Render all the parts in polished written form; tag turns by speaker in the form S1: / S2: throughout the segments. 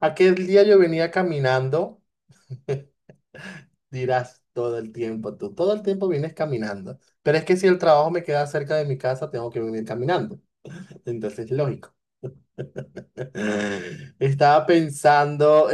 S1: Aquel día yo venía caminando. Dirás todo el tiempo, tú todo el tiempo vienes caminando, pero es que si el trabajo me queda cerca de mi casa, tengo que venir caminando, entonces lógico. Estaba pensando.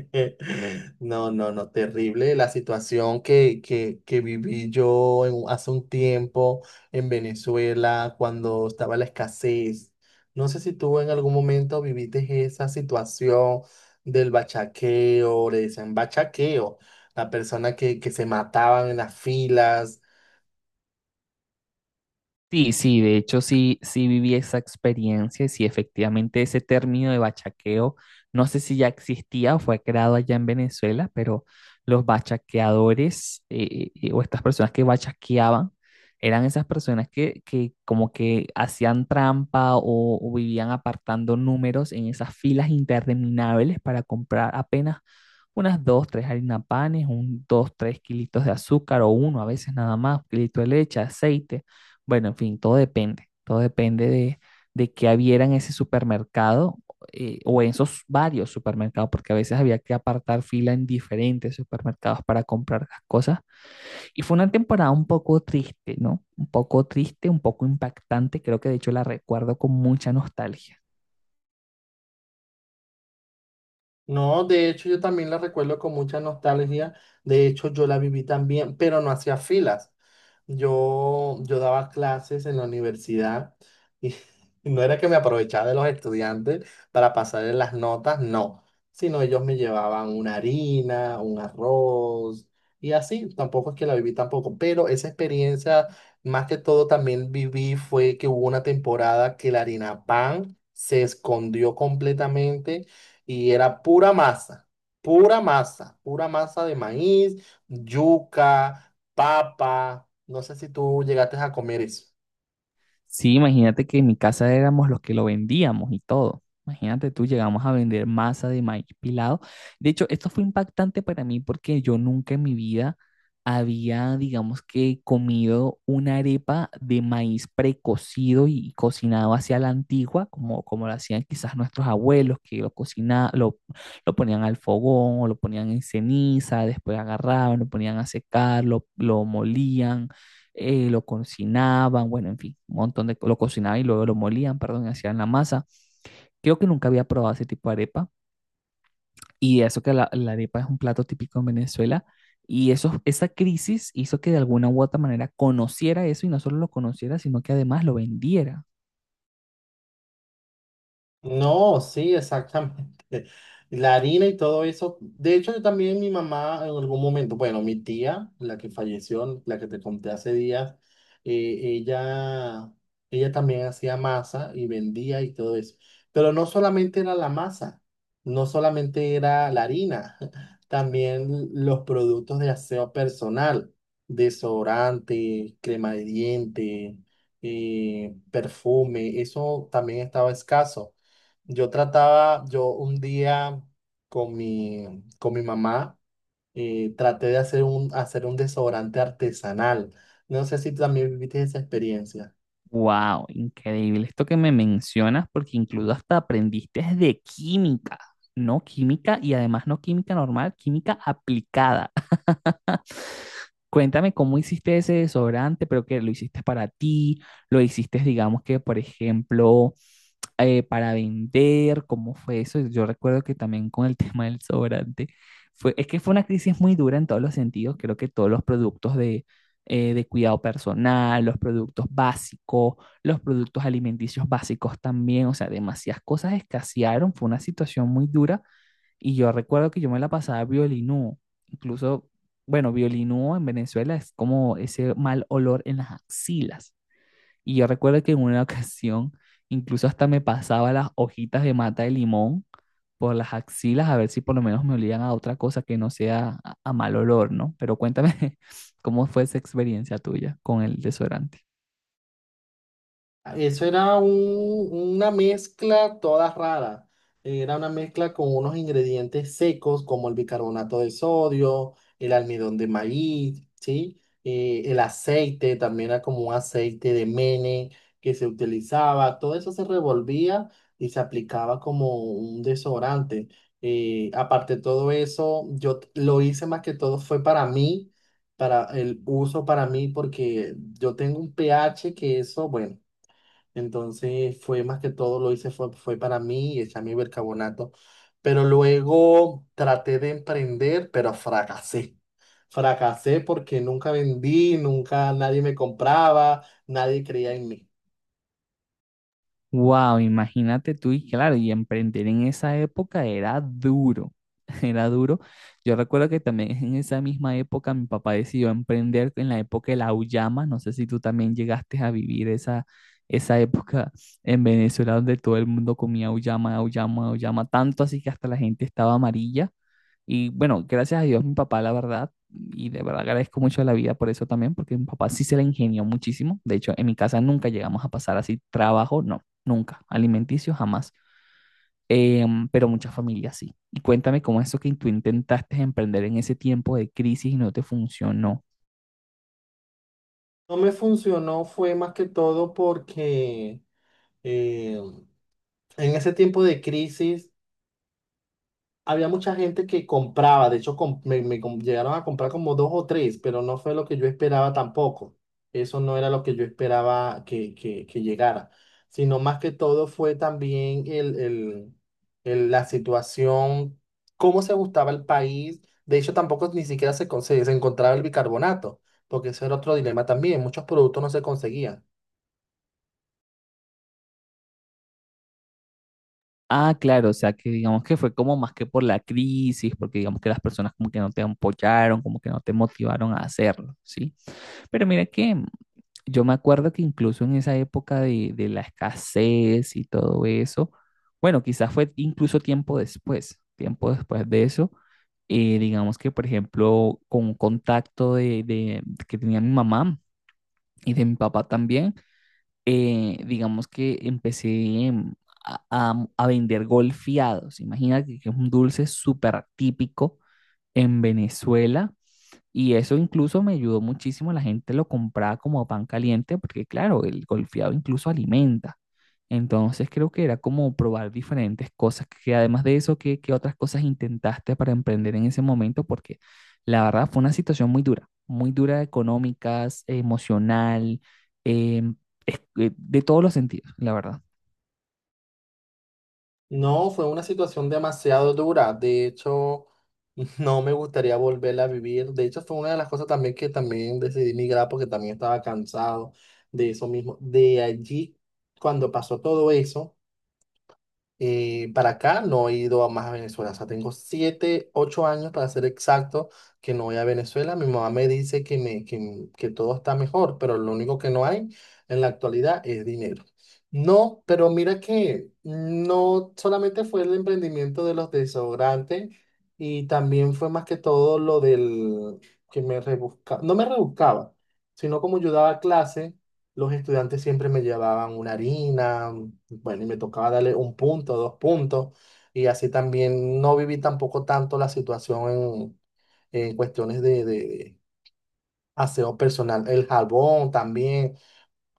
S1: No, no, no, terrible la situación que viví yo en hace un tiempo en Venezuela cuando estaba la escasez. No sé si tú en algún momento viviste esa situación del bachaqueo, le decían bachaqueo, la persona que se mataban en las filas.
S2: Sí, sí, de hecho sí, sí viví esa experiencia y sí, efectivamente ese término de bachaqueo, no sé si ya existía o fue creado allá en Venezuela, pero los bachaqueadores o estas personas que bachaqueaban eran esas personas que como que hacían trampa o vivían apartando números en esas filas interminables para comprar apenas unas dos, tres harina panes, un dos, tres kilitos de azúcar o uno a veces nada más, un kilito de leche, aceite, bueno, en fin, todo depende de qué hubiera en ese supermercado, o en esos varios supermercados, porque a veces había que apartar fila en diferentes supermercados para comprar las cosas. Y fue una temporada un poco triste, ¿no? Un poco triste, un poco impactante, creo que de hecho la recuerdo con mucha nostalgia.
S1: No, de hecho yo también la recuerdo con mucha nostalgia. De hecho yo la viví también, pero no hacía filas. Yo daba clases en la universidad y no era que me aprovechaba de los estudiantes para pasarles las notas, no, sino ellos me llevaban una harina, un arroz y así. Tampoco es que la viví tampoco, pero esa experiencia más que todo también viví fue que hubo una temporada que la harina pan se escondió completamente y era pura masa, pura masa, pura masa de maíz, yuca, papa. No sé si tú llegaste a comer eso.
S2: Sí, imagínate que en mi casa éramos los que lo vendíamos y todo. Imagínate tú, llegamos a vender masa de maíz pilado. De hecho, esto fue impactante para mí porque yo nunca en mi vida había, digamos que, comido una arepa de maíz precocido y cocinado hacia la antigua, como, como lo hacían quizás nuestros abuelos, que lo cocina, lo ponían al fogón o lo ponían en ceniza, después agarraban, lo ponían a secar, lo molían, lo cocinaban, bueno, en fin, un montón de, lo cocinaban y luego lo molían, perdón, y hacían la masa. Creo que nunca había probado ese tipo de arepa y eso que la arepa es un plato típico en Venezuela y eso, esa crisis hizo que de alguna u otra manera conociera eso y no solo lo conociera, sino que además lo vendiera.
S1: No, sí, exactamente. La harina y todo eso. De hecho, yo también mi mamá en algún momento, bueno, mi tía, la que falleció, la que te conté hace días, ella, ella también hacía masa y vendía y todo eso. Pero no solamente era la masa, no solamente era la harina, también los productos de aseo personal, desodorante, crema de diente, perfume, eso también estaba escaso. Yo trataba, yo un día con mi mamá, traté de hacer un desodorante artesanal. No sé si también viviste esa experiencia.
S2: Wow, increíble esto que me mencionas porque incluso hasta aprendiste de química, no química y además no química normal, química aplicada. Cuéntame cómo hiciste ese desodorante, pero que lo hiciste para ti, lo hiciste, digamos que, por ejemplo, para vender, ¿cómo fue eso? Yo recuerdo que también con el tema del desodorante, fue, es que fue una crisis muy dura en todos los sentidos, creo que todos los productos de cuidado personal, los productos básicos, los productos alimenticios básicos también, o sea, demasiadas cosas escasearon, fue una situación muy dura y yo recuerdo que yo me la pasaba violinúo. Incluso, bueno, violinúo en Venezuela es como ese mal olor en las axilas. Y yo recuerdo que en una ocasión, incluso hasta me pasaba las hojitas de mata de limón por las axilas a ver si por lo menos me olían a otra cosa que no sea a mal olor, ¿no? Pero cuéntame cómo fue esa experiencia tuya con el desodorante.
S1: Claro. Eso era una mezcla toda rara. Era una mezcla con unos ingredientes secos como el bicarbonato de sodio, el almidón de maíz, ¿sí? El aceite también era como un aceite de mene que se utilizaba. Todo eso se revolvía y se aplicaba como un desodorante. Aparte de todo eso, yo lo hice más que todo fue para mí, para el uso para mí, porque yo tengo un pH que eso, bueno. Entonces fue más que todo lo hice fue, fue para mí y echarme bicarbonato. Pero luego traté de emprender, pero fracasé. Fracasé porque nunca vendí, nunca nadie me compraba, nadie creía en mí.
S2: Wow, imagínate tú y claro, y emprender en esa época era duro, era duro. Yo recuerdo que también en esa misma época mi papá decidió emprender en la época de la auyama, no sé si tú también llegaste a vivir esa, esa época en Venezuela donde todo el mundo comía auyama, auyama, auyama, tanto así que hasta la gente estaba amarilla. Y bueno, gracias a Dios, mi papá, la verdad, y de verdad agradezco mucho a la vida por eso también, porque mi papá sí se la ingenió muchísimo. De hecho, en mi casa nunca llegamos a pasar así trabajo, no, nunca, alimenticio jamás. Em, pero muchas familias sí. Y cuéntame cómo es eso que tú intentaste emprender en ese tiempo de crisis y no te funcionó.
S1: No me funcionó, fue más que todo porque eh, en ese tiempo de crisis había mucha gente que compraba, de hecho me, llegaron a comprar como dos o tres, pero no fue lo que yo esperaba tampoco. Eso no era lo que yo esperaba que llegara, sino más que todo fue también el, la situación, cómo se gustaba el país. De hecho, tampoco ni siquiera se, se encontraba el bicarbonato, porque eso era otro dilema también. Muchos productos no se conseguían.
S2: Ah, claro, o sea que digamos que fue como más que por la crisis, porque digamos que las personas como que no te apoyaron, como que no te motivaron a hacerlo, ¿sí? Pero mira que yo me acuerdo que incluso en esa época de la escasez y todo eso, bueno, quizás fue incluso tiempo después de eso, digamos que por ejemplo con un contacto que tenía mi mamá y de mi papá también, digamos que empecé, a vender golfeados. Imagínate que es un dulce súper típico en Venezuela y eso incluso me ayudó muchísimo. La gente lo compraba como pan caliente porque, claro, el golfeado incluso alimenta. Entonces creo que era como probar diferentes cosas. Que además de eso, ¿qué, qué otras cosas intentaste para emprender en ese momento? Porque la verdad fue una situación muy dura económicas, emocional, em, de todos los sentidos, la verdad.
S1: No, fue una situación demasiado dura. De hecho, no me gustaría volverla a vivir. De hecho, fue una de las cosas también que también decidí migrar porque también estaba cansado de eso mismo. De allí, cuando pasó todo eso, para acá no he ido a más a Venezuela. O sea, tengo 7, 8 años para ser exacto que no voy a Venezuela. Mi mamá me dice que todo está mejor, pero lo único que no hay en la actualidad es dinero. No, pero mira que no solamente fue el emprendimiento de los desodorantes y también fue más que todo lo del que me rebuscaba, no me rebuscaba, sino como yo daba clase los estudiantes siempre me llevaban una harina, bueno, y me tocaba darle un punto, dos puntos, y así también no viví tampoco tanto la situación en cuestiones de aseo personal. El jabón también,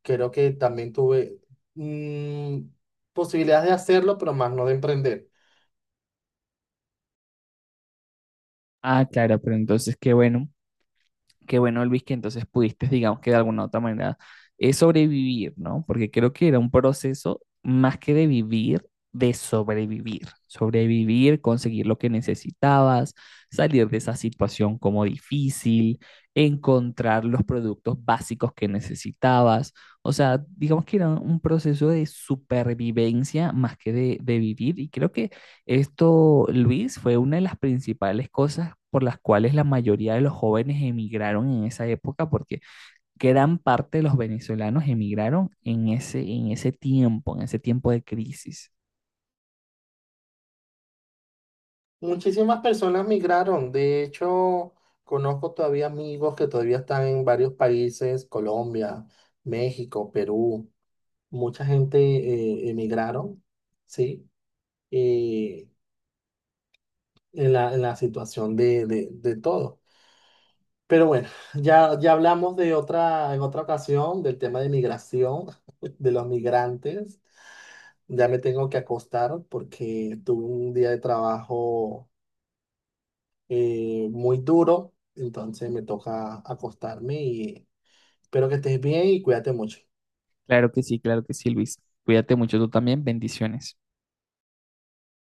S1: creo que también tuve mm, posibilidades de hacerlo, pero más no de emprender.
S2: Ah, claro, pero entonces qué bueno. Qué bueno, Luis, que entonces pudiste, digamos que de alguna u otra manera, sobrevivir, ¿no? Porque creo que era un proceso más que de vivir, de sobrevivir. Sobrevivir, conseguir lo que necesitabas, salir de esa situación como difícil, encontrar los productos básicos que necesitabas. O sea, digamos que era un proceso de supervivencia más que de vivir y creo que esto, Luis, fue una de las principales cosas por las cuales la mayoría de los jóvenes emigraron en esa época, porque gran parte de los venezolanos emigraron en ese tiempo de crisis.
S1: Muchísimas personas migraron, de hecho, conozco todavía amigos que todavía están en varios países, Colombia, México, Perú. Mucha gente emigraron, ¿sí? Eh, en la situación de todo. Pero bueno, ya, ya hablamos de otra, en otra ocasión del tema de migración, de los migrantes. Ya me tengo que acostar porque tuve un día de trabajo muy duro, entonces me toca acostarme y espero que estés bien y cuídate mucho.
S2: Claro que sí, Luis. Cuídate mucho tú también. Bendiciones.